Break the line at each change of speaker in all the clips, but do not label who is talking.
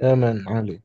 يا مان عالي.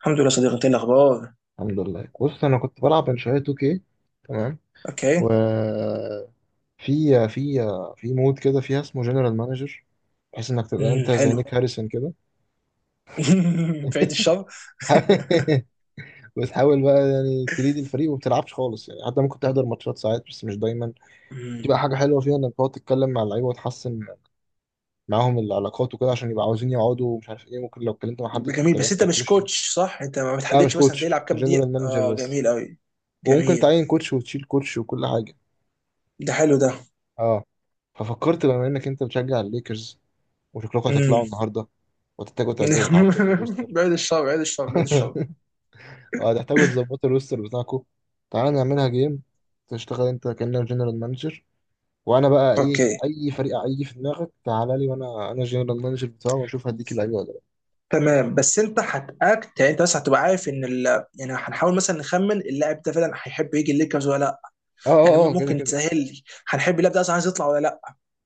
الحمد لله صديقي. انت ايه الاخبار؟
الحمد لله، بص انا كنت بلعب من شويه 2K تمام.
اوكي.
وفي في في مود كده فيها اسمه جنرال مانجر، بحيث انك تبقى انت زي
حلو.
نيك هاريسون كده.
في عيد الشر.
وتحاول بقى يعني تريد الفريق وما بتلعبش خالص يعني، حتى ممكن تحضر ماتشات ساعات بس مش دايما.
امم
تبقى حاجه حلوه فيها انك تقعد تتكلم مع اللعيبه وتحسن معاهم العلاقات وكده، عشان يبقى عاوزين يقعدوا ومش عارف ايه، ممكن لو اتكلمت مع حد
جميل،
بطريقه ما
بس انت مش
تعجبوش يعني.
كوتش صح؟ انت ما
لا مش
بتحددش مثلا ده
كوتش،
يلعب كام دقيقه؟
جنرال مانجر
اه
بس.
جميل قوي.
وممكن
جميل.
تعين كوتش وتشيل كوتش وكل حاجه.
ده حلو ده.
اه، ففكرت بما انك انت بتشجع الليكرز وشكلكم
امم
هتطلعوا النهارده وتحتاجوا تعدلوا الروستر.
بعيد الشر، بعيد الشر، بعيد الشر.
وهتحتاجوا تظبطوا الروستر بتاعكم. تعالى نعملها جيم، تشتغل انت كأنك جنرال مانجر، وانا بقى ايه،
اوكي
اي فريق اي في دماغك تعالى لي، وانا انا جنرال مانجر بتاعه واشوف هديك اللعيبه ولا لا.
تمام، بس انت هتاكت يعني، انت بس هتبقى عارف ان ال... يعني هنحاول مثلا نخمن اللاعب ده فعلا هيحب يجي الليكرز ولا لا.
اه
يعني
اه اه، كده
ممكن
كده.
تسهل لي، هنحب اللاعب ده اصلا عايز يطلع ولا لا،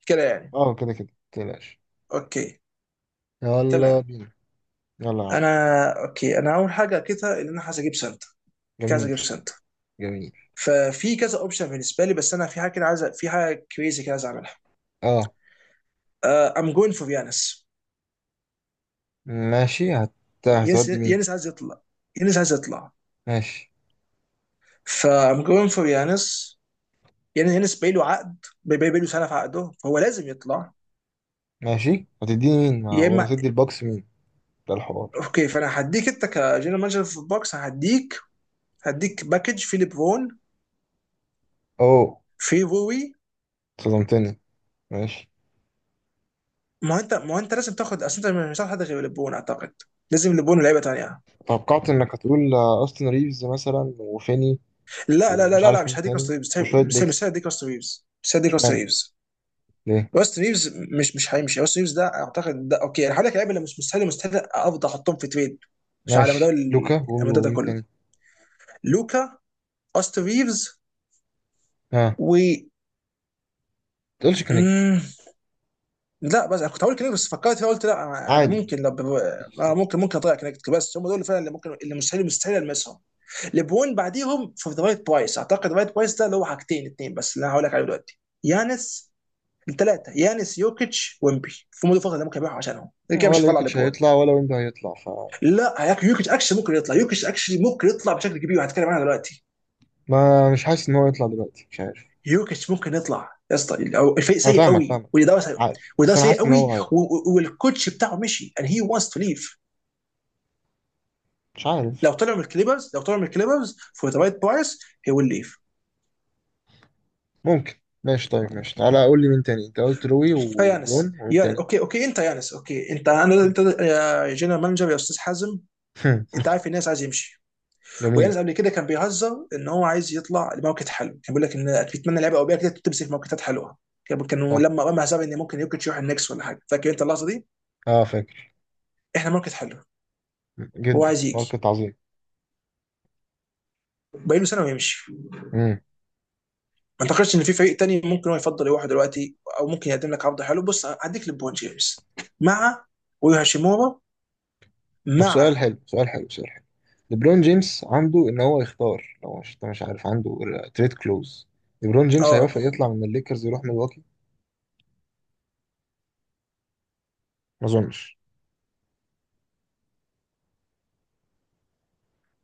كده يعني.
اه كده كده متقلقش.
اوكي
يلا
تمام.
بينا. يلا يا عم.
انا اوكي، انا اول حاجه كده ان انا عايز اجيب سنتر. عايز
جميل.
اجيب سنتر.
جميل.
ففي كذا اوبشن بالنسبه لي، بس انا في حاجه كده عايز، في حاجه كريزي كده عايز اعملها.
اه
ام جوين فور يانس.
ماشي.
يانس،
هتودي مين؟
يانس عايز يطلع. يانس عايز يطلع.
ماشي.
فام جوين فور يانس. يعني يانس باقي له عقد، باقي له سنه في عقده، فهو لازم يطلع.
ماشي، هتديني مين، ما
يا
ولا
اما.
هتدي الباكس مين؟ ده الحوار.
اوكي، فانا هديك انت كجنرال مانجر في البوكس، هديك، هديك باكج في ليبرون،
اوه،
في روي.
صدمتني. ماشي.
ما هو انت لازم تاخد، اصل انت مش هتاخد حد غير ليبرون اعتقد. لازم ليبرون ولعيبه تانيه.
توقعت انك هتقول اوستن ريفز مثلا وفيني
لا لا لا
ومش
لا, لا
عارف
مش
مين
هديك راست
تاني
ريفز،
وشوية
مش
بيكس.
هديك راست ريفز، مش هديك راست
اشمعنى؟
ريفز.
ليه؟
راست ريفز مش هيمشي. راست ريفز ده اعتقد ده اوكي. انا هقول لك لعيبه اللي مش مستاهل افضل احطهم في تريد. مش على مدار
ماشي،
ال-
لوكا
المدار ده
ومين
كله.
تاني؟
لوكا، راست ريفز
ها ما
و
تقولش كونكت.
مم، لا. بس أنا كنت هقول كده، بس فكرت فيها قلت لا. انا
عادي،
ممكن لو
مفيش.
ممكن، ممكن اضيع كونكت. بس هم دول اللي فعلا اللي ممكن، اللي مستحيل المسهم ليبرون بعديهم في ذا رايت برايس اعتقد. ذا رايت برايس ده اللي هو حاجتين اتنين بس اللي انا هقول لك عليه دلوقتي. يانس. الثلاثه: يانس، يوكيتش، ويمبي في مود الفتره اللي ممكن يبيعوا عشانهم، اللي كده مش
ولا
هيطلع
يوكيتش
لبرون.
هيطلع ولا ويمبي هيطلع ف.
لا، يوكيتش اكشلي ممكن يطلع. يوكيتش اكشلي ممكن يطلع بشكل كبير، وهتكلم عنها دلوقتي.
ما مش حاسس ان هو يطلع دلوقتي، مش عارف.
يوكيتش ممكن يطلع يا اسطى، أو الفريق
انا
سيء
فاهمك
قوي
فاهمك،
والاداره سيء.
عادي، بس
والاداره
انا
سيء
حاسس ان
قوي
هو هيطلع.
و والكوتش بتاعه مشي, and he wants to leave.
مش عارف.
لو طلعوا من الكليبرز، لو طلعوا من الكليبرز for the right price he will leave.
ممكن. ماشي طيب، ماشي، تعالى قول لي مين تاني؟ انت قلت روي
فيانس
وليبرون ومين
يا
تاني؟
اوكي، اوكي انت يانس، اوكي انت، انا انت يا جنرال مانجر يا استاذ حازم. انت عارف الناس عايز يمشي. ويانز
جميل.
قبل كده كان بيهزر ان هو عايز يطلع لموكت حلو، كان بيقول لك ان بيتمنى لعيبه اوروبيه كده تمسك موكتات حلوه. كان
اه
لما رمى حساب ان ممكن يوكيتش يروح النكس ولا حاجه، فاكر انت اللحظه دي؟
اه فاكر.
احنا موكت حلو. هو
جدا،
عايز يجي.
ماركت عظيم.
باقي له سنه ويمشي.
مم.
ما اعتقدش ان في فريق تاني ممكن هو يفضل يروح دلوقتي، او ممكن يقدم لك عرض حلو. بص، هديك لبون جيمس مع، ويوهاشيمورا
طب سؤال
مع.
حلو، سؤال حلو، سؤال حلو. ليبرون جيمس عنده ان هو يختار، لو مش انت مش عارف، عنده تريد كلوز؟ ليبرون جيمس
اه
هيوافق يطلع من الليكرز يروح ميلواكي؟ ما اظنش.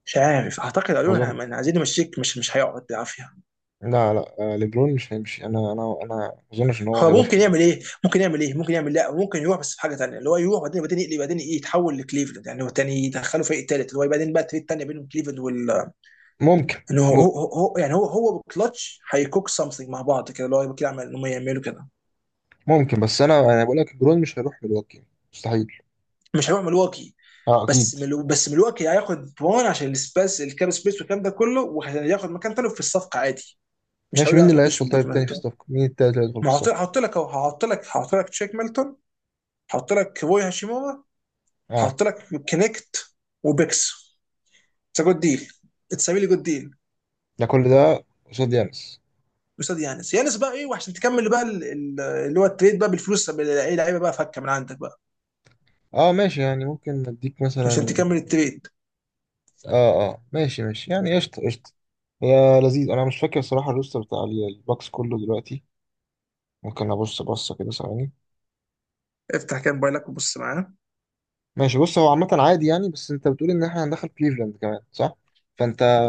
مش عارف اعتقد
ما
قالوا
اظنش.
لنا عايزين نمشيك، مش هيقعد بالعافيه.
لا لا، ليبرون مش هيمشي. انا ما اظنش ان هو
هو
هيوافق
ممكن يعمل
يمشي.
ايه؟ ممكن يعمل ايه؟ ممكن يعمل، لا ممكن يروح. بس في حاجه ثانيه اللي هو يروح بعدين يقلب بعدين، يتحول لكليفلاند. يعني هو تاني يدخله فريق ثالث اللي هو بعدين بقى التريد الثانيه بينهم كليفلاند وال،
ممكن.
ان هو
ممكن.
هو, هو يعني هو وكلتش هيكوك سمثينج مع بعض كده اللي هو كده، عمل انهم يعملوا كده.
ممكن، بس انا انا بقول لك ليبرون مش هيروح ميلواكي. مستحيل.
مش هيروح ملواكي.
اه اكيد.
بس ملواكي هياخد برون عشان السبيس، الكاب سبيس والكلام ده كله، وهياخد مكان ثاني في الصفقه عادي. مش
ماشي
هيقول يعني
مين
ما
اللي
تحطيش
هيدخل
بوت
طيب تاني في
ميلتون.
الصفقه؟ مين التالت اللي هيدخل في
ما هحط
الصفقه؟
هحط لك اهو، هحط لك تشيك ميلتون، هحط لك روي هاشيمورا،
اه،
هحط لك كونكت وبيكس. اتس جود ديل. اتس ريلي جود ديل.
ده كل ده قصاد يانس.
قصاد يانس. يانس بقى ايه، وعشان تكمل بقى اللي هو التريد بقى بالفلوس، اي لعيبه بقى فكه من عندك بقى
اه ماشي، يعني ممكن اديك
عشان
مثلا.
تكمل التريد.
اه اه ماشي ماشي، يعني قشطة قشطة. هي لذيذ. انا مش فاكر صراحة الروستر بتاع الباكس كله دلوقتي. ممكن ابص بصة كده ثواني.
افتح كان موبايلك وبص معاه.
ماشي. بص هو عامة عادي يعني، بس انت بتقول ان احنا هندخل كليفلاند كمان صح؟ فانت،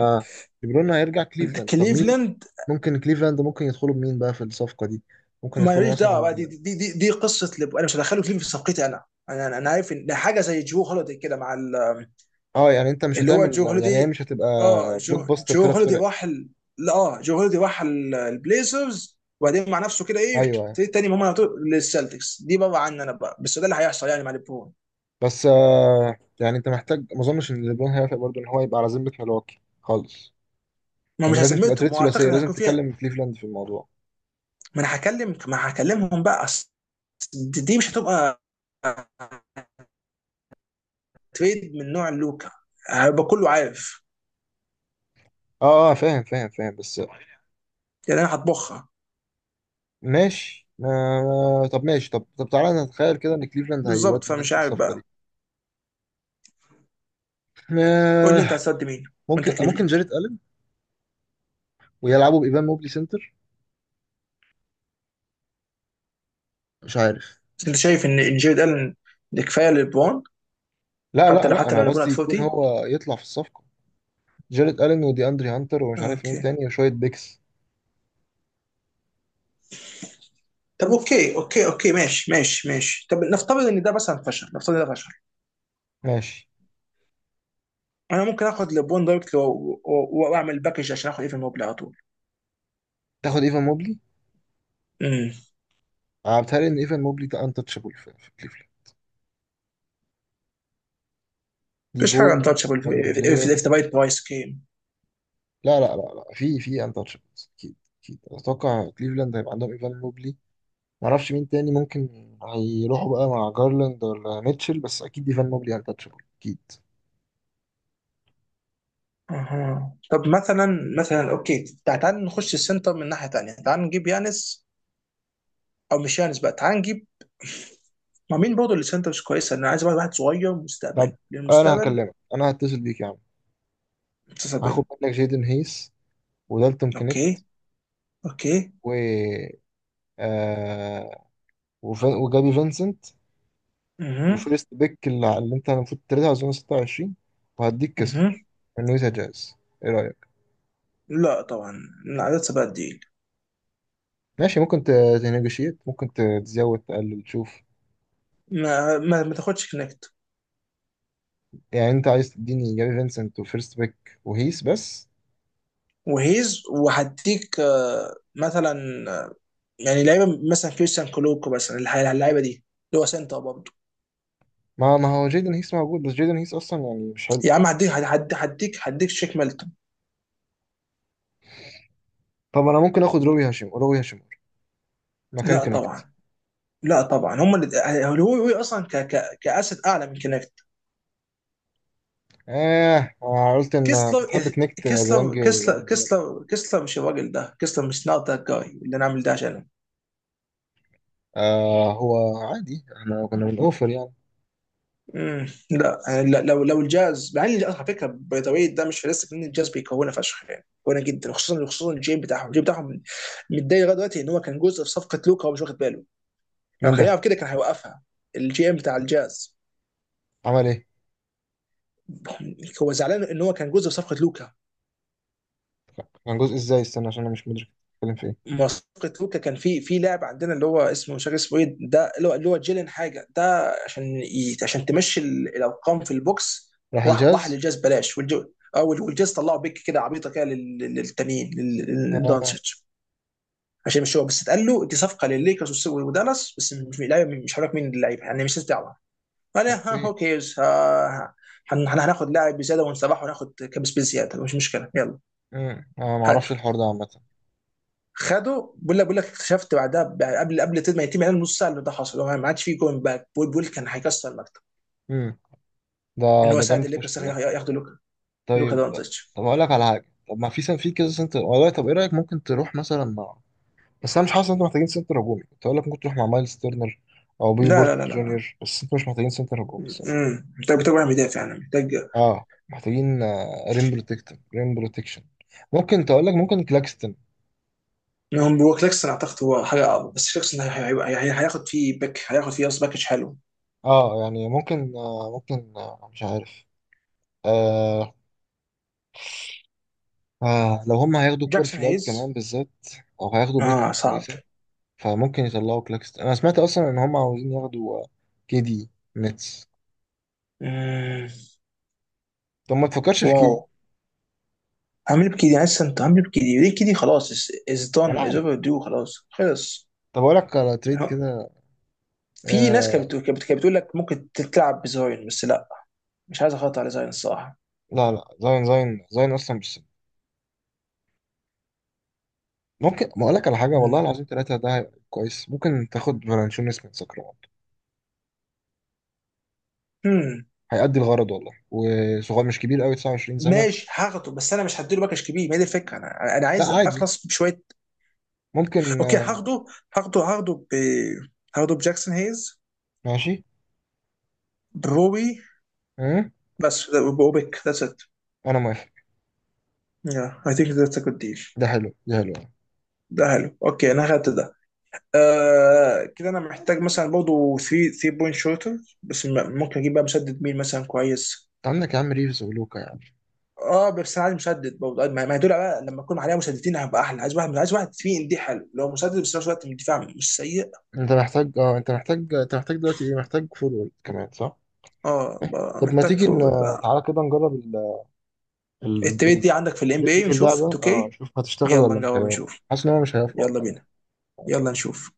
ليبرون هيرجع كليفلاند؟ طب مين؟
كليفلاند،
ممكن كليفلاند، ممكن يدخلوا بمين بقى في الصفقة دي؟ ممكن يدخلوا
ماليش دعوه بقى.
مثلا.
دي قصه انا مش هدخله كليفلاند في صفقتي. انا أنا عارف ان ده حاجه زي جو هوليدي كده مع ال...
اه يعني انت مش
اللي هو
هتعمل،
جو
يعني هي
هوليدي.
مش هتبقى
اه
بلوك
جو
باستر
جو
ثلاث
هوليدي
فرق.
راح لا، اه جو هوليدي راح البليزرز، وبعدين مع نفسه كده ايه
ايوه أيوه.
ابتدي تاني هم على طول للسلتكس. دي بره عني انا بقى، بس ده اللي هيحصل يعني مع ليبرون.
بس يعني انت محتاج، ما اظنش ان ليبرون هيوافق برضه ان هو يبقى على ذمه ملواكي خالص.
ما مش
يعني لازم تبقى
هسميتهم،
تريد
واعتقد
ثلاثيه،
ان
لازم
هيكون فيها.
تكلم كليفلاند في الموضوع.
ما هكلمهم بقى، أصل دي مش هتبقى تريد من نوع لوكا، هيبقى كله عارف.
اه اه فاهم فاهم فاهم، بس
يعني انا هطبخها.
ماشي. طب ماشي، طب طب تعالى نتخيل كده ان كليفلاند
بالظبط،
هيودي مين
فمش
في
عارف
الصفقه دي.
بقى. قول لي انت
آه
هتسد مين وانت
ممكن، ممكن
كليفلاند.
جاريت الن، ويلعبوا بايفان موبلي سنتر. مش عارف.
بس انت شايف ان جيرد الن ده كفايه للبون؟
لا
حتى
لا
لو
لا،
حتى لو
انا
ليبرون
قصدي يكون
هتفوتي.
هو يطلع في الصفقه. جاريت الن ودي اندري هانتر ومش عارف مين
اوكي.
تاني وشويه بيكس.
طب اوكي، اوكي ماشي، ماشي. طب نفترض ان ده مثلا فشل، نفترض ان ده فشل.
ماشي.
انا ممكن اخد لبون دايركت واعمل باكج عشان اخد ايفن موبل على طول.
تاخد ايفان موبلي؟
امم
انا بتهيألي ان ايفان موبلي ده انتشابل في كليفلاند. دي
مفيش حاجه
بوي،
انتشبل
يونج
في
بلاير.
ذا رايت برايس جيم.
لا لا لا لا، في انتشابلز اكيد. اكيد اتوقع كليفلاند هيبقى عندهم ايفان موبلي. ما اعرفش مين تاني ممكن هيروحوا بقى، مع جارلاند ولا ميتشل، بس اكيد ايفان موبلي انتشابل اكيد.
اها طب مثلا، مثلا اوكي، تعال نخش السنتر من ناحيه ثانيه. تعال نجيب يانس، او مش يانس بقى. تعال نجيب، ما مين برضه اللي سنترز كويسه؟ انا عايز واحد صغير مستقبل،
طب انا
للمستقبل.
هكلمك، انا هتصل بيك يا عم. هاخد
مستقبل.
منك جيدن هيس ودالتون كنيب
اوكي. اوكي.
و آه وجابي فينسنت
اها.
وفيرست بيك اللي اللي انت المفروض تريدها اظن 26، وهديك
اها.
كسلر من نويتا جاز. ايه رأيك؟
لا طبعا، عدد سبعة دي.
ماشي، ممكن تنيجوشيت، ممكن تزود تقلل تشوف.
ما تاخدش كنكت.
يعني انت عايز تديني جافي فينسنت وفيرست بيك وهيس بس؟
وهيز وهديك مثلا، آه، يعني لعيبه مثلا كريستيان كولوكو مثلا، اللعيبه دي اللي هو سنتر برضه.
ما هو جيدن هيس موجود، بس جيدن هيس اصلا يعني مش حلو.
يا عم هديك، هديك، هديك شيك ميلتون.
طب انا ممكن اخد روبي هاشم روبي هاشم مكان
لا
كونكت؟
طبعا. لا طبعا هم اللي هو هو اصلا ك كاسد اعلى من كنكت.
اه، أنا قلت ان انت
كيسلر،
بتحب كونكت زي يانج
كيسلر، كيسلر
يانج بلاير.
كيسلر كيسلر مش الراجل ده. كيسلر مش نوت ذات جاي اللي انا عامل ده عشانه.
هو عادي احنا كنا بنوفر يعني.
لا يعني لو، لو الجاز، مع ان الجاز على فكره، باي ذا واي ده مش فلسفه، ان الجاز بيكونها فشخ. يعني كونها جدا، خصوصا، خصوصا الجيم بتاعهم، الجيم بتاعهم متضايق لغايه دلوقتي ان هو كان جزء في صفقه لوكا وهو مش واخد باله. لو
مين
كان
ده؟
يعرف كده كان هيوقفها. الجي ام بتاع الجاز
عمل ايه؟
هو زعلان ان هو كان جزء في صفقه لوكا.
كان جزء ازاي؟ استنى عشان انا مش مدرك بتتكلم في ايه.
مسابقه لوكا كان في لاعب عندنا اللي هو اسمه، مش عارف اسمه ايه ده، اللي هو، اللي هو جيلين حاجه ده، عشان عشان تمشي الارقام في البوكس.
راح
واحد
الجاز؟
للجاز بلاش. والجو، او والجاز طلعوا بيك كده عبيطه كده، للتانيين، للدونتش.
آه
عشان مش هو بس اتقال له دي صفقه للليكرز ودالاس، بس مش لاعب. مش هقول لك مين اللعيبه، يعني مش دعوه. انا، ها
اوكي.
هو كيرز، ها، ها- هناخد لاعب بزياده ونسبحه وناخد كابس بزياده، مش مشكله يلا.
امم. انا ما اعرفش
هاتوا.
الحوار ده عامه.
خده. بقول لك، بقول لك اكتشفت بعدها قبل، قبل ما يتم اعلان نص ساعه اللي ده حصل، هو ما عادش فيه جوين باك. بول، بول كان هيكسر المكتب
امم. ده،
ان هو
ده
ساعد
جامد فشخ
الليكرز
ده.
ياخدوا لوكا. لوكا
طيب،
دونتش.
طب اقول لك على حاجه، طب ما في سن، في كذا سنتر والله. طب ايه رايك، ممكن تروح مثلا مع، بس انا مش حاسس ان انتوا محتاجين سنتر هجومي. كنت اقول لك ممكن تروح مع مايلز تيرنر او بيبي بورت
لا،
جونيور، بس انتوا مش محتاجين سنتر هجومي الصراحه.
محتاج، محتاج واحد مدافع يعني، محتاج.
اه محتاجين، ريم بروتكشن. ممكن تقول لك، ممكن كلاكستن.
هم، هو كليكسون اعتقد هو حاجه اقوى. بس كليكسون هياخد فيه باك، هياخد فيه قصدي باكج حلو.
اه يعني ممكن، مش عارف. آه لو هم هياخدوا كوبر
جاكسون
فلاج
هيز.
كمان بالذات، او هياخدوا بيك
اه صعب.
كويسه، فممكن يطلعوا كلاكستن. انا سمعت اصلا ان هم عاوزين ياخدوا كي دي. نتس.
امم
طب ما تفكرش في
واو.
كده.
عامل بكده لسه، انت عامل بكده ليه كده؟ خلاص، از
انا
دون، از
عارف.
اوفر دو، خلاص خلص.
طب اقول لك على تريد كده.
في ناس كانت
آه...
بتقول، كانت بتقول لك ممكن تلعب بزاين، بس لا. مش عايز اخاطر على زاين الصراحه.
لا لا، زاين زاين زاين اصلا مش سهل. ممكن ما اقول لك على حاجه، والله
مم.
العظيم ثلاثه ده هيبقى كويس، ممكن تاخد فالانشونس من ساكرامنتو.
مم.
هيأدي الغرض والله، وصغير مش كبير قوي، 29 سنه.
ماشي هاخده، بس انا مش هديله باكج كبير، ما هي دي الفكره، انا
لا
عايز
عادي.
اخلص بشويه.
ممكن
اوكي هاخده. هاخده ب، هاخده بجاكسون هيز،
ماشي.
بروبي،
أه؟
بس، بوبك، ذاتس ات.
انا موافق.
يا اي ثينك ذاتس ا جود ديل.
ده حلو ده، حلو انت.
ده حلو. اوكي انا اخدت ده. آه كده انا محتاج مثلا برضه 3 بوينت شوتر. بس ممكن اجيب بقى مسدد مين مثلا كويس؟
عندك يا عم ريفز ولوكا يعني.
اه بس انا عايز مسدد برضه. ما هي دول بقى لما اكون عليها مسددين هبقى احلى. عايز واحد، عايز واحد فيه ان دي حلو لو مسدد بس في نفس الوقت الدفاع مش سيء.
انت محتاج، اه انت محتاج، انت محتاج دلوقتي ايه، محتاج فول كمان صح؟
اه بقى
طب ما
محتاج
تيجي
فوق بقى.
تعالى كده نجرب ال...
التريد
الفكرة
دي عندك في الام بي
دي
اي
في اللعبة،
نشوف
اه
2K.
شوف هتشتغل
يلا
ولا مش
نجرب
هيبقى.
نشوف.
حاسس ان هو مش هيطلع
يلا بينا.
بجد.
يلا نشوف.